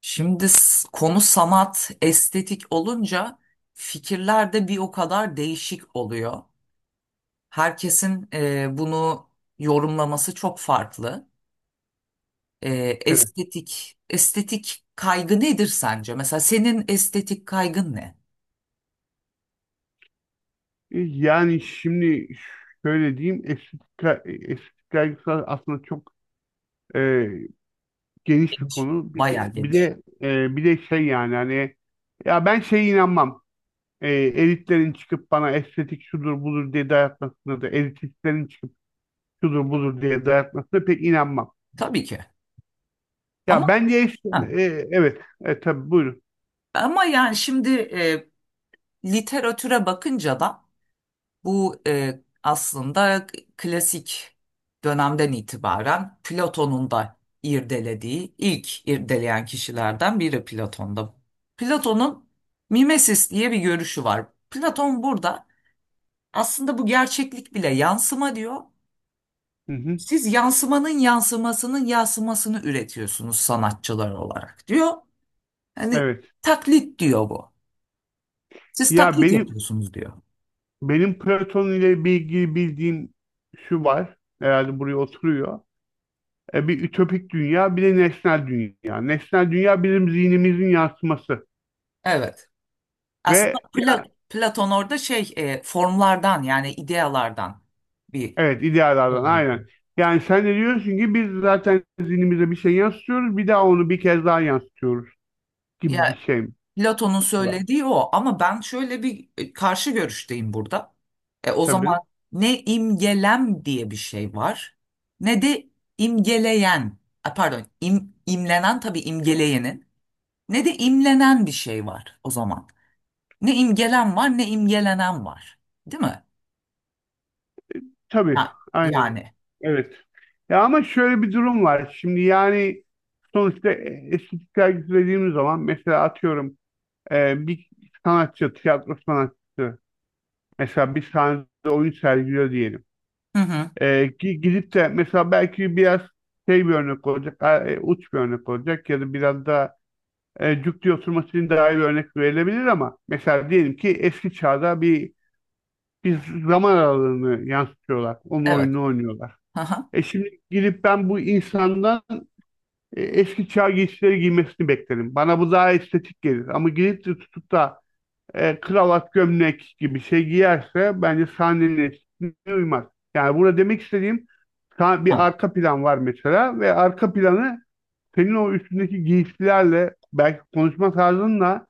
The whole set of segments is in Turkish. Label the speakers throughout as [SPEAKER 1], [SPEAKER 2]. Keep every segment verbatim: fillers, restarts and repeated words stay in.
[SPEAKER 1] Şimdi s- konu sanat, estetik olunca fikirler de bir o kadar değişik oluyor. Herkesin e, bunu yorumlaması çok farklı. E,
[SPEAKER 2] Evet.
[SPEAKER 1] estetik, estetik kaygı nedir sence? Mesela senin estetik kaygın ne?
[SPEAKER 2] E, Yani şimdi şöyle diyeyim, estetik, ka- estetik kaygısı aslında çok e, geniş bir
[SPEAKER 1] Geniş.
[SPEAKER 2] konu. Bir de
[SPEAKER 1] Bayağı
[SPEAKER 2] bir
[SPEAKER 1] geniş.
[SPEAKER 2] de e, bir de şey, yani hani, ya, ben şeye inanmam. E, elitlerin çıkıp bana estetik şudur budur diye dayatmasına da, elitistlerin çıkıp şudur budur diye dayatmasına pek inanmam.
[SPEAKER 1] Tabii ki. Ama
[SPEAKER 2] Ya bence işte,
[SPEAKER 1] ha,
[SPEAKER 2] e, evet, e, tabii, buyurun.
[SPEAKER 1] ama yani şimdi e, literatüre bakınca da bu e, aslında klasik dönemden itibaren Platon'un da irdelediği, ilk irdeleyen kişilerden biri Platon'da. Platon'un mimesis diye bir görüşü var. Platon burada aslında bu gerçeklik bile yansıma diyor.
[SPEAKER 2] Hı hı,
[SPEAKER 1] Siz yansımanın yansımasının yansımasını üretiyorsunuz sanatçılar olarak diyor. Hani
[SPEAKER 2] evet.
[SPEAKER 1] taklit diyor bu. Siz
[SPEAKER 2] Ya
[SPEAKER 1] taklit
[SPEAKER 2] benim
[SPEAKER 1] yapıyorsunuz diyor.
[SPEAKER 2] benim Platon ile ilgili bildiğim şu var. Herhalde buraya oturuyor. E, bir ütopik dünya, bir de nesnel dünya. Nesnel dünya bizim zihnimizin yansıması
[SPEAKER 1] Evet. Aslında
[SPEAKER 2] ve ya-
[SPEAKER 1] Pla- Platon orada şey e, formlardan yani idealardan bir.
[SPEAKER 2] evet, idealardan
[SPEAKER 1] Evet.
[SPEAKER 2] aynen. Yani sen de diyorsun ki biz zaten zihnimize bir şey yansıtıyoruz, bir daha onu bir kez daha yansıtıyoruz
[SPEAKER 1] Ya,
[SPEAKER 2] gibi bir şey mi?
[SPEAKER 1] Platon'un
[SPEAKER 2] Olan.
[SPEAKER 1] söylediği o, ama ben şöyle bir e, karşı görüşteyim burada. E, o
[SPEAKER 2] Tabii.
[SPEAKER 1] zaman ne imgelem diye bir şey var ne de imgeleyen, a, pardon, im, imlenen, tabii imgeleyenin ne de imlenen bir şey var o zaman. Ne imgelen var ne imgelenen var. Değil mi?
[SPEAKER 2] Tabii.
[SPEAKER 1] Ya,
[SPEAKER 2] Aynen.
[SPEAKER 1] yani.
[SPEAKER 2] Evet. Ya ama şöyle bir durum var. Şimdi yani sonuçta e, estetik sergisi dediğimiz zaman, mesela atıyorum, e, bir sanatçı, tiyatro sanatçısı mesela bir sahnede oyun sergiliyor diyelim.
[SPEAKER 1] Hı hı.
[SPEAKER 2] E, ki gidip de mesela belki biraz şey, bir örnek olacak, a- e, uç bir örnek olacak, ya da biraz da e, cuk diye oturması için daha iyi bir örnek verilebilir, ama mesela diyelim ki eski çağda bir bir zaman aralığını yansıtıyorlar. Onun
[SPEAKER 1] Evet.
[SPEAKER 2] oyununu oynuyorlar.
[SPEAKER 1] Hı
[SPEAKER 2] E şimdi gidip ben bu insandan e, eski çağ giysileri giymesini beklerim. Bana bu daha estetik gelir. Ama gidip de tutup da e, kravat gömlek gibi şey giyerse, bence sahnenin estetikliğine uymaz. Yani burada demek istediğim,
[SPEAKER 1] hı.
[SPEAKER 2] bir arka plan var mesela ve arka planı senin o üstündeki giysilerle, belki konuşma tarzınla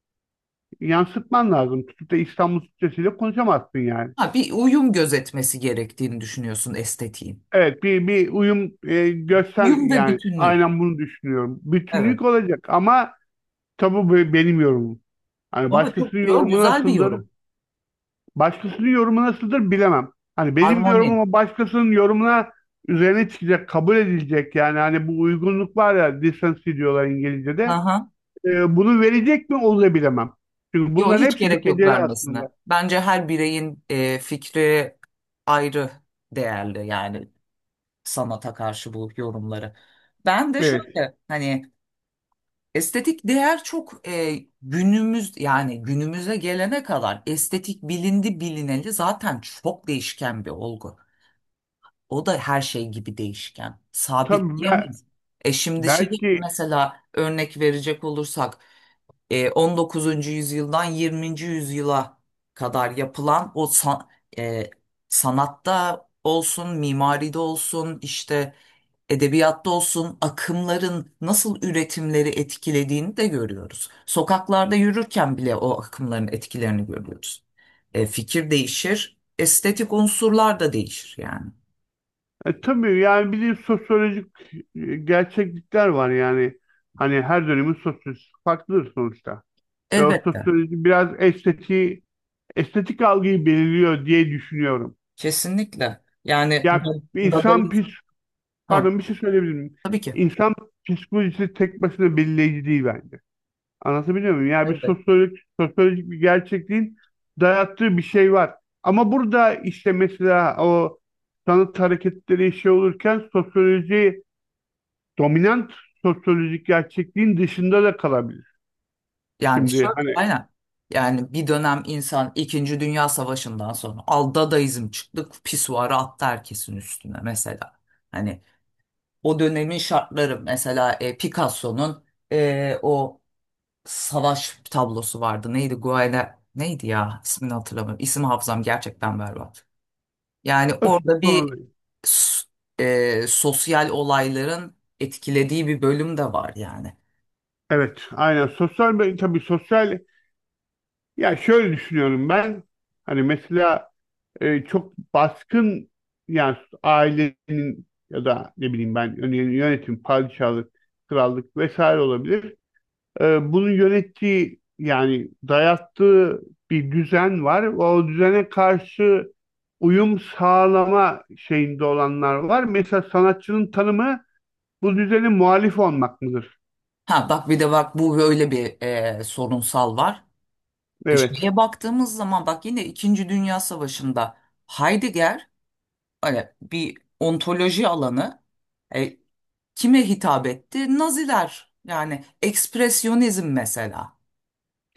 [SPEAKER 2] yansıtman lazım. Tutup da İstanbul Türkçesiyle konuşamazsın yani.
[SPEAKER 1] Ha, bir uyum gözetmesi gerektiğini düşünüyorsun estetiğin.
[SPEAKER 2] Evet, bir, bir uyum e, göster,
[SPEAKER 1] Uyum ve
[SPEAKER 2] yani
[SPEAKER 1] bütünlük.
[SPEAKER 2] aynen bunu düşünüyorum.
[SPEAKER 1] Evet.
[SPEAKER 2] Bütünlük olacak. Ama tabii bu benim yorumum. Hani
[SPEAKER 1] Ama çok
[SPEAKER 2] başkasının
[SPEAKER 1] yo,
[SPEAKER 2] yorumu
[SPEAKER 1] güzel bir
[SPEAKER 2] nasıldır
[SPEAKER 1] yorum.
[SPEAKER 2] Başkasının yorumu nasıldır bilemem. Hani benim
[SPEAKER 1] Harmoni.
[SPEAKER 2] yorumuma, başkasının yorumuna üzerine çıkacak, kabul edilecek, yani hani bu uygunluk var ya, decency diyorlar İngilizce'de.
[SPEAKER 1] Aha.
[SPEAKER 2] Ee, bunu verecek mi onu da bilemem. Çünkü
[SPEAKER 1] Yo,
[SPEAKER 2] bunların
[SPEAKER 1] hiç
[SPEAKER 2] hepsi
[SPEAKER 1] gerek yok
[SPEAKER 2] göreceli aslında.
[SPEAKER 1] vermesine. Bence her bireyin e, fikri ayrı değerli, yani sanata karşı bu yorumları. Ben de
[SPEAKER 2] Evet.
[SPEAKER 1] şöyle hani estetik değer çok, e, günümüz yani günümüze gelene kadar estetik bilindi bilineli zaten çok değişken bir olgu. O da her şey gibi değişken. Sabit
[SPEAKER 2] Tabii. Be-
[SPEAKER 1] diyemeyiz. E şimdi şey
[SPEAKER 2] belki
[SPEAKER 1] mesela örnek verecek olursak e, on dokuzuncu yüzyıldan yirminci yüzyıla kadar yapılan o san- e, sanatta olsun, mimaride olsun, işte edebiyatta olsun akımların nasıl üretimleri etkilediğini de görüyoruz. Sokaklarda yürürken bile o akımların etkilerini görüyoruz. E, fikir değişir, estetik unsurlar da değişir yani.
[SPEAKER 2] e, tabii, yani bir de sosyolojik e, gerçeklikler var yani. Hani her dönemin sosyolojisi farklıdır sonuçta. Ve o
[SPEAKER 1] Elbette.
[SPEAKER 2] sosyoloji biraz estetiği, estetik algıyı belirliyor diye düşünüyorum.
[SPEAKER 1] Kesinlikle. Yani,
[SPEAKER 2] Ya
[SPEAKER 1] da-
[SPEAKER 2] insan
[SPEAKER 1] Dadaizm.
[SPEAKER 2] pis
[SPEAKER 1] Ha,
[SPEAKER 2] Pardon, bir şey söyleyebilir miyim?
[SPEAKER 1] tabii ki.
[SPEAKER 2] İnsan psikolojisi tek başına belirleyici değil bence. Anlatabiliyor muyum? Yani bir
[SPEAKER 1] Evet.
[SPEAKER 2] sosyolojik, sosyolojik bir gerçekliğin dayattığı bir şey var. Ama burada işte mesela, o sanat hareketleri şey olurken, sosyoloji, dominant sosyolojik gerçekliğin dışında da kalabilir.
[SPEAKER 1] Yani,
[SPEAKER 2] Şimdi
[SPEAKER 1] şöyle
[SPEAKER 2] hani
[SPEAKER 1] aynen. Yani bir dönem insan İkinci Dünya Savaşı'ndan sonra al Dadaizm çıktı, pisuarı attı herkesin üstüne mesela. Hani o dönemin şartları mesela e, Picasso'nun e, o savaş tablosu vardı. Neydi? Guernica neydi ya? İsmini hatırlamıyorum. İsim hafızam gerçekten berbat. Yani orada bir
[SPEAKER 2] sonra-
[SPEAKER 1] s- e, sosyal olayların etkilediği bir bölüm de var yani.
[SPEAKER 2] evet, aynen, sosyal, tabii sosyal, ya şöyle düşünüyorum ben: hani mesela e, çok baskın, yani ailenin ya da ne bileyim ben, yönetim, padişahlık, krallık vesaire olabilir. E, bunun yönettiği, yani dayattığı bir düzen var. O düzene karşı uyum sağlama şeyinde olanlar var. Mesela sanatçının tanımı bu düzene muhalif olmak mıdır?
[SPEAKER 1] Ha, bak, bir de bak, bu böyle bir e, sorunsal var. E,
[SPEAKER 2] Evet.
[SPEAKER 1] şeye baktığımız zaman, bak, yine İkinci Dünya Savaşı'nda Heidegger, hani bir ontoloji alanı, e, kime hitap etti? Naziler, yani ekspresyonizm mesela.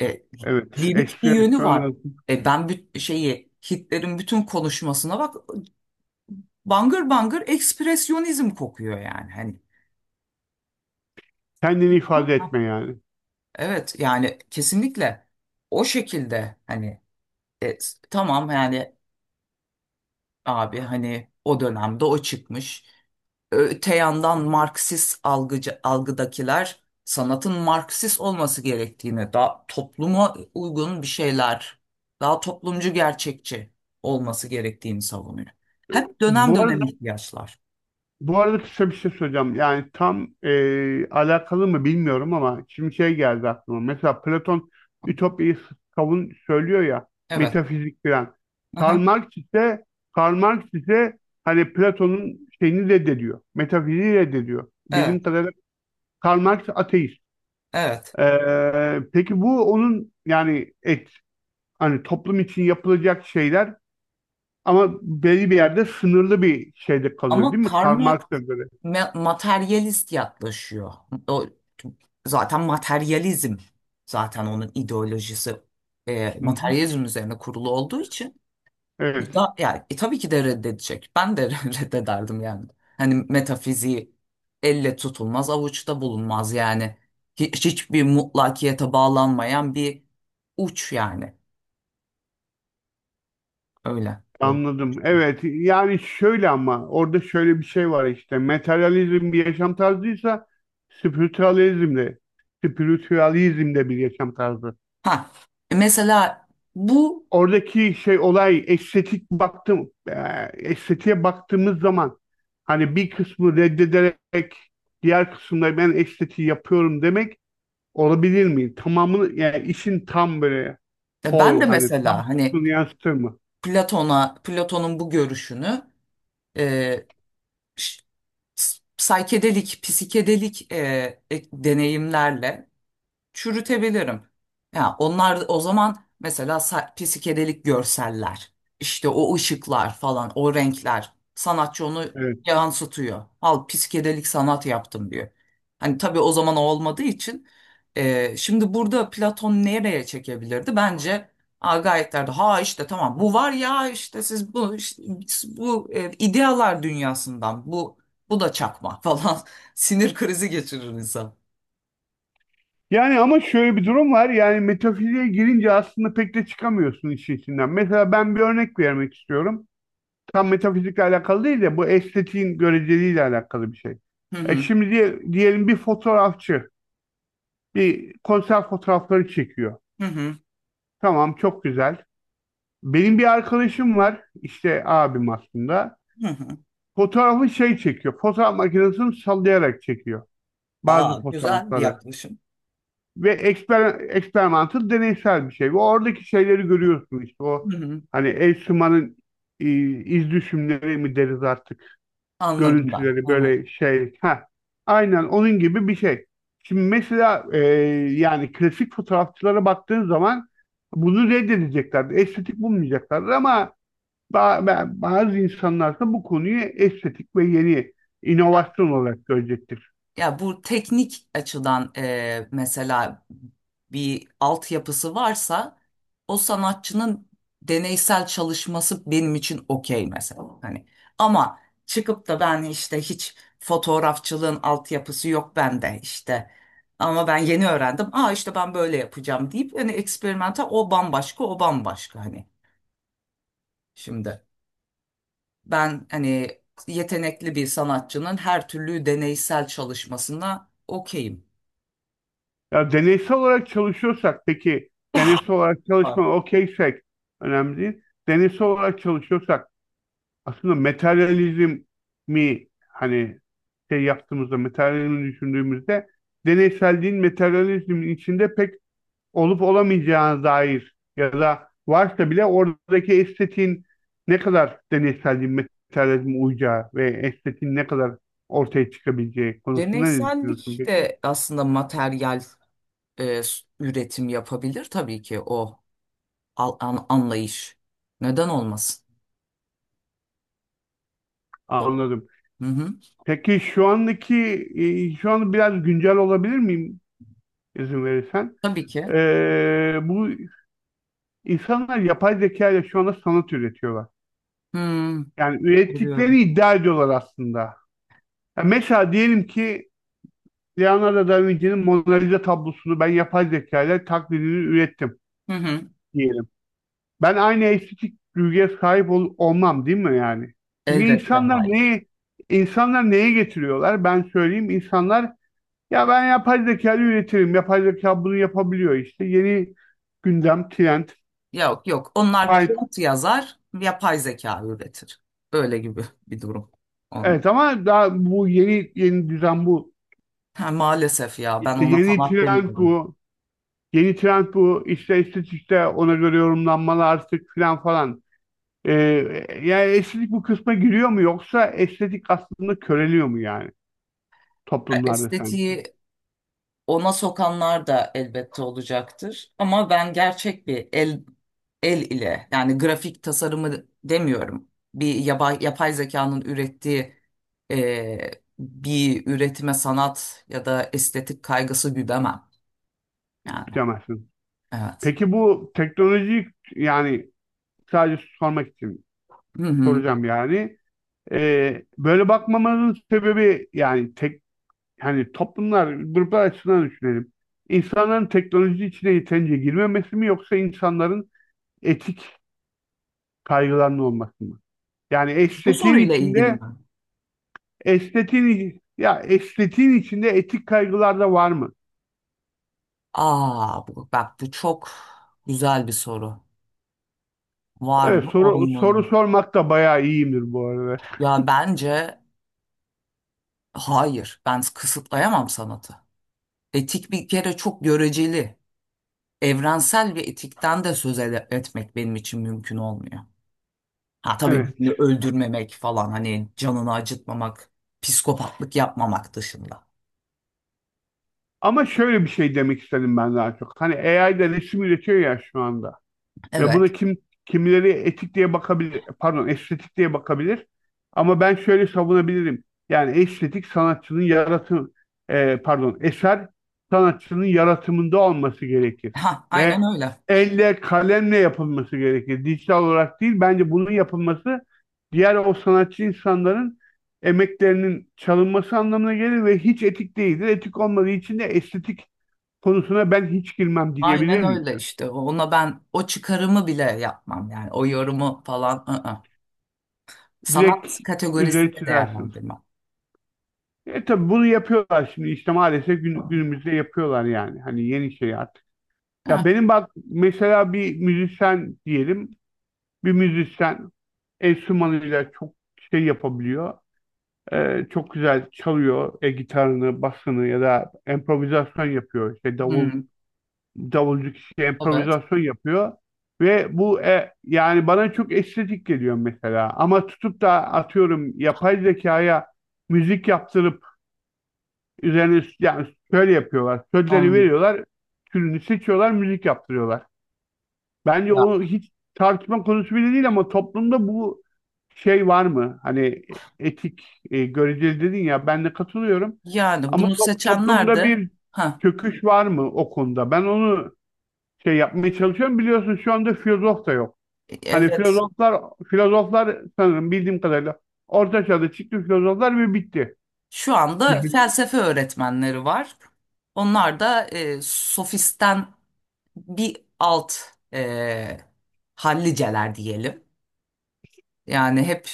[SPEAKER 1] E,
[SPEAKER 2] Evet.
[SPEAKER 1] Lirik bir yönü var.
[SPEAKER 2] Ekspresyon,
[SPEAKER 1] E, ben büt- şeyi, Hitler'in bütün konuşmasına bak, bangır bangır ekspresyonizm kokuyor yani, hani.
[SPEAKER 2] kendini ifade
[SPEAKER 1] Aha.
[SPEAKER 2] etme yani.
[SPEAKER 1] Evet, yani kesinlikle o şekilde, hani e, s- tamam yani, abi, hani o dönemde o çıkmış. Öte yandan Marksist algıcı, algıdakiler sanatın Marksist olması gerektiğini, daha topluma uygun bir şeyler, daha toplumcu gerçekçi olması gerektiğini savunuyor.
[SPEAKER 2] E,
[SPEAKER 1] Hep dönem
[SPEAKER 2] Bu
[SPEAKER 1] dönem
[SPEAKER 2] arada
[SPEAKER 1] ihtiyaçlar.
[SPEAKER 2] Bu arada kısa bir şey söyleyeceğim. Yani tam e, alakalı mı bilmiyorum ama şimdi şey geldi aklıma. Mesela Platon Ütopya'yı savun söylüyor ya,
[SPEAKER 1] Evet.
[SPEAKER 2] metafizik falan. Karl
[SPEAKER 1] Aha,
[SPEAKER 2] Marx ise Karl Marx ise hani Platon'un şeyini reddediyor. Metafiziği reddediyor.
[SPEAKER 1] evet.
[SPEAKER 2] Benim kadarıyla Karl Marx ateist.
[SPEAKER 1] Evet.
[SPEAKER 2] Ee, peki bu onun, yani et hani, toplum için yapılacak şeyler ama belli bir yerde, sınırlı bir şeyde kalıyor
[SPEAKER 1] Ama
[SPEAKER 2] değil mi?
[SPEAKER 1] Karl
[SPEAKER 2] Karl
[SPEAKER 1] Marx
[SPEAKER 2] Marx'a göre.
[SPEAKER 1] ma- materyalist yaklaşıyor. O, zaten materyalizm, zaten onun ideolojisi e,
[SPEAKER 2] Hı hı.
[SPEAKER 1] materyalizm üzerine kurulu olduğu için
[SPEAKER 2] Evet.
[SPEAKER 1] e, da, yani, e, tabii ki de reddedecek. Ben de reddederdim yani. Hani metafiziği elle tutulmaz, avuçta bulunmaz yani. Hiç, hiçbir mutlakiyete bağlanmayan bir uç yani. Öyle.
[SPEAKER 2] Anladım. Evet, yani şöyle ama, orada şöyle bir şey var işte. Materyalizm bir yaşam tarzıysa, spiritualizm de spiritualizm de bir yaşam tarzı.
[SPEAKER 1] Ha, e, mesela bu
[SPEAKER 2] Oradaki şey, olay, estetik baktım eee, estetiğe baktığımız zaman, hani bir kısmı reddederek diğer kısımda ben estetiği yapıyorum demek olabilir mi? Tamamını, yani işin tam böyle
[SPEAKER 1] e, Ben de
[SPEAKER 2] whole, hani tam
[SPEAKER 1] mesela hani
[SPEAKER 2] kısmını yansıtır mı?
[SPEAKER 1] Platon'a, Platon'un bu görüşünü e, ş- s- saykedelik, psikedelik e, e- deneyimlerle çürütebilirim. Ya onlar o zaman mesela sa- psikedelik görseller, işte o ışıklar falan, o renkler, sanatçı onu
[SPEAKER 2] Evet.
[SPEAKER 1] yansıtıyor. Al, psikedelik sanat yaptım diyor. Hani tabii o zaman o olmadığı için e, şimdi burada Platon nereye çekebilirdi? Bence Agayitlerde, ha, işte tamam, bu var ya işte, siz bu işte bu e, idealar dünyasından, bu bu da çakma falan, sinir krizi geçirir insan.
[SPEAKER 2] Yani ama şöyle bir durum var. Yani metafiziğe girince aslında pek de çıkamıyorsun işin içinden. Mesela ben bir örnek vermek istiyorum. Tam metafizikle alakalı değil de, bu estetiğin göreceliğiyle alakalı bir şey.
[SPEAKER 1] Hı
[SPEAKER 2] E
[SPEAKER 1] hı,
[SPEAKER 2] şimdi diye- diyelim, bir fotoğrafçı bir konser fotoğrafları çekiyor.
[SPEAKER 1] hı hı.
[SPEAKER 2] Tamam, çok güzel. Benim bir arkadaşım var, işte abim aslında.
[SPEAKER 1] Hı hı.
[SPEAKER 2] Fotoğrafı şey çekiyor. Fotoğraf makinesini sallayarak çekiyor bazı
[SPEAKER 1] Aa, güzel bir
[SPEAKER 2] fotoğrafları.
[SPEAKER 1] yaklaşım.
[SPEAKER 2] Ve eksper, eksperimental, deneysel bir şey. Ve oradaki şeyleri görüyorsun, işte o
[SPEAKER 1] Hı hı,
[SPEAKER 2] hani el e, iz düşümleri mi deriz artık,
[SPEAKER 1] anladım ben.
[SPEAKER 2] görüntüleri,
[SPEAKER 1] Hı hı.
[SPEAKER 2] böyle şey. Ha, aynen onun gibi bir şey. Şimdi mesela e, yani klasik fotoğrafçılara baktığın zaman bunu reddedeceklerdi. Estetik bulmayacaklardı ama ba- ba- bazı insanlar da bu konuyu estetik ve yeni inovasyon olarak görecektir.
[SPEAKER 1] Ya, bu teknik açıdan e, mesela bir altyapısı varsa o sanatçının deneysel çalışması benim için okey mesela. Hani ama çıkıp da ben işte, hiç fotoğrafçılığın altyapısı yok bende işte. Ama ben yeni öğrendim. Aa, işte ben böyle yapacağım deyip hani eksperimental, o bambaşka, o bambaşka hani, şimdi. Ben hani yetenekli bir sanatçının her türlü deneysel çalışmasına okeyim.
[SPEAKER 2] Ya deneysel olarak çalışıyorsak, peki deneysel olarak
[SPEAKER 1] Tamam.
[SPEAKER 2] çalışma okeysek önemli değil. Deneysel olarak çalışıyorsak, aslında materyalizm mi, hani şey yaptığımızda, materyalizmi düşündüğümüzde, deneyselliğin materyalizmin içinde pek olup olamayacağına dair, ya da varsa bile oradaki estetiğin ne kadar deneyselliğin materyalizme uyacağı ve estetiğin ne kadar ortaya çıkabileceği konusunda ne düşünüyorsun
[SPEAKER 1] Deneysellik
[SPEAKER 2] peki?
[SPEAKER 1] de aslında materyal e, s- üretim yapabilir, tabii ki o al- an- anlayış. Neden olmasın? O.
[SPEAKER 2] Anladım.
[SPEAKER 1] Hı hı.
[SPEAKER 2] Peki şu andaki, e, şu an biraz güncel olabilir miyim, izin verirsen?
[SPEAKER 1] Tabii ki.
[SPEAKER 2] Ee, bu insanlar yapay zeka ile şu anda sanat üretiyorlar.
[SPEAKER 1] Hmm,
[SPEAKER 2] Yani
[SPEAKER 1] biliyorum.
[SPEAKER 2] ürettikleri iddia ediyorlar aslında. Ya mesela diyelim ki, Leonardo da Vinci'nin Mona Lisa tablosunu ben yapay zeka ile taklidini ürettim
[SPEAKER 1] Hı hı.
[SPEAKER 2] diyelim. Ben aynı estetik duyguya sahip ol- olmam değil mi yani? Çünkü
[SPEAKER 1] Elbette
[SPEAKER 2] insanlar
[SPEAKER 1] hayır.
[SPEAKER 2] neye, insanlar neye getiriyorlar? Ben söyleyeyim, insanlar: ya ben yapay zekayla üretirim. Yapay zeka bunu yapabiliyor işte. Yeni gündem, trend,
[SPEAKER 1] Yok, yok. Onlar
[SPEAKER 2] hype.
[SPEAKER 1] kod yazar, yapay zeka üretir. Öyle gibi bir durum. Onlar.
[SPEAKER 2] Evet ama daha bu yeni yeni düzen bu.
[SPEAKER 1] Ha, maalesef, ya ben
[SPEAKER 2] İşte
[SPEAKER 1] ona
[SPEAKER 2] yeni
[SPEAKER 1] sanat
[SPEAKER 2] trend
[SPEAKER 1] demiyorum.
[SPEAKER 2] bu. Yeni trend bu. İşte estetikte ona göre yorumlanmalar artık filan falan. Ee, Yani estetik bu kısma giriyor mu, yoksa estetik aslında köreliyor mu, yani
[SPEAKER 1] Ya,
[SPEAKER 2] toplumlarda, sen
[SPEAKER 1] estetiği ona sokanlar da elbette olacaktır. Ama ben gerçek bir el el ile, yani grafik tasarımı demiyorum, bir yapay, yapay zekanın ürettiği e, bir üretime sanat ya da estetik kaygısı güdemem. Yani,
[SPEAKER 2] bilemezsin.
[SPEAKER 1] evet.
[SPEAKER 2] Peki bu teknoloji, yani sadece sormak için
[SPEAKER 1] Hı hı.
[SPEAKER 2] soracağım yani. Ee, böyle bakmamanın sebebi, yani tek, hani toplumlar, gruplar açısından düşünelim. İnsanların teknoloji içine yeterince girmemesi mi, yoksa insanların etik kaygılarının olması mı? Yani
[SPEAKER 1] Bu
[SPEAKER 2] estetiğin
[SPEAKER 1] soruyla ilgili mi?
[SPEAKER 2] içinde, estetiğin ya estetiğin içinde etik kaygılar da var mı?
[SPEAKER 1] Aa, bu- bak, bu çok güzel bir soru. Var
[SPEAKER 2] Evet,
[SPEAKER 1] mı?
[SPEAKER 2] soru
[SPEAKER 1] Olmalı
[SPEAKER 2] soru
[SPEAKER 1] mı?
[SPEAKER 2] sormak da bayağı iyiyimdir bu arada.
[SPEAKER 1] Ya, bence hayır. Ben kısıtlayamam sanatı. Etik bir kere çok göreceli. Evrensel bir etikten de söz ede- etmek benim için mümkün olmuyor. Ha, tabii
[SPEAKER 2] Evet.
[SPEAKER 1] birini öldürmemek falan, hani canını acıtmamak, psikopatlık yapmamak dışında.
[SPEAKER 2] Ama şöyle bir şey demek istedim ben daha çok. Hani A I de resim üretiyor ya şu anda. Ve bunu
[SPEAKER 1] Evet.
[SPEAKER 2] kim, kimileri etik diye bakabilir, pardon, estetik diye bakabilir. Ama ben şöyle savunabilirim. Yani estetik, sanatçının yaratım, e, pardon, eser, sanatçının yaratımında olması gerekir.
[SPEAKER 1] Ha,
[SPEAKER 2] Ve
[SPEAKER 1] aynen öyle.
[SPEAKER 2] elle, kalemle yapılması gerekir. Dijital olarak değil. Bence bunun yapılması, diğer o sanatçı insanların emeklerinin çalınması anlamına gelir ve hiç etik değildir. Etik olmadığı için de estetik konusuna ben hiç girmem diyebilir
[SPEAKER 1] Aynen
[SPEAKER 2] miyim?
[SPEAKER 1] öyle işte. Ona ben o çıkarımı bile yapmam yani. O yorumu falan, ı-ı.
[SPEAKER 2] Direkt
[SPEAKER 1] Sanat
[SPEAKER 2] üzeri
[SPEAKER 1] kategorisinde
[SPEAKER 2] çizersiniz.
[SPEAKER 1] değerlendirmem.
[SPEAKER 2] E tabii bunu yapıyorlar şimdi işte, maalesef gün- günümüzde yapıyorlar yani. Hani yeni şey artık. Ya
[SPEAKER 1] Ha.
[SPEAKER 2] benim bak mesela, bir müzisyen diyelim. Bir müzisyen enstrümanıyla çok şey yapabiliyor. E, çok güzel çalıyor e, gitarını, basını, ya da improvizasyon yapıyor. İşte davul
[SPEAKER 1] Hmm,
[SPEAKER 2] davulcu kişi
[SPEAKER 1] evet.
[SPEAKER 2] improvizasyon yapıyor ve bu e, yani bana çok estetik geliyor mesela. Ama tutup da atıyorum, yapay zekaya müzik yaptırıp üzerine, yani şöyle yapıyorlar: sözleri
[SPEAKER 1] Anladım.
[SPEAKER 2] veriyorlar, türünü seçiyorlar, müzik yaptırıyorlar. Bence o
[SPEAKER 1] Ya.
[SPEAKER 2] hiç tartışma konusu bile değil, ama toplumda bu şey var mı? Hani etik e, göreceli dedin ya, ben de katılıyorum,
[SPEAKER 1] Yani
[SPEAKER 2] ama
[SPEAKER 1] bunu
[SPEAKER 2] to-
[SPEAKER 1] seçenler
[SPEAKER 2] toplumda
[SPEAKER 1] de
[SPEAKER 2] bir
[SPEAKER 1] ha
[SPEAKER 2] çöküş var mı o konuda? Ben onu şey yapmaya çalışıyorum. Biliyorsun şu anda filozof da yok.
[SPEAKER 1] e,
[SPEAKER 2] Hani
[SPEAKER 1] evet.
[SPEAKER 2] filozoflar, filozoflar sanırım bildiğim kadarıyla orta çağda çıktı filozoflar ve bitti.
[SPEAKER 1] Şu anda felsefe öğretmenleri var. Onlar da e, sofisten bir alt e, halliceler diyelim. Yani hep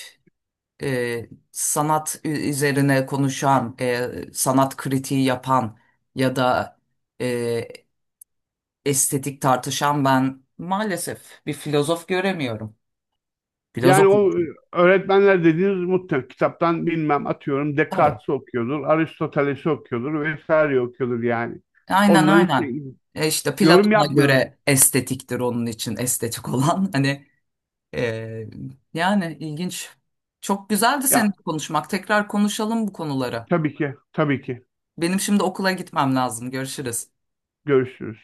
[SPEAKER 1] e, sanat ü- üzerine konuşan, e, sanat kritiği yapan ya da e, estetik tartışan ben, maalesef bir filozof göremiyorum.
[SPEAKER 2] Yani
[SPEAKER 1] Filozof mu?
[SPEAKER 2] o, e, öğretmenler dediğiniz muhtemelen kitaptan, bilmem, atıyorum
[SPEAKER 1] Tabii.
[SPEAKER 2] Descartes'i okuyordur, Aristoteles'i okuyordur, vesaire okuyordur yani.
[SPEAKER 1] Aynen,
[SPEAKER 2] Onların işte
[SPEAKER 1] aynen. E işte
[SPEAKER 2] yorum
[SPEAKER 1] Platon'a
[SPEAKER 2] yapmıyoruz.
[SPEAKER 1] göre estetiktir onun için estetik olan. Hani. Ee, Yani, ilginç. Çok güzeldi
[SPEAKER 2] Ya
[SPEAKER 1] seninle konuşmak. Tekrar konuşalım bu konuları.
[SPEAKER 2] tabii ki, tabii ki,
[SPEAKER 1] Benim şimdi okula gitmem lazım. Görüşürüz.
[SPEAKER 2] görüşürüz.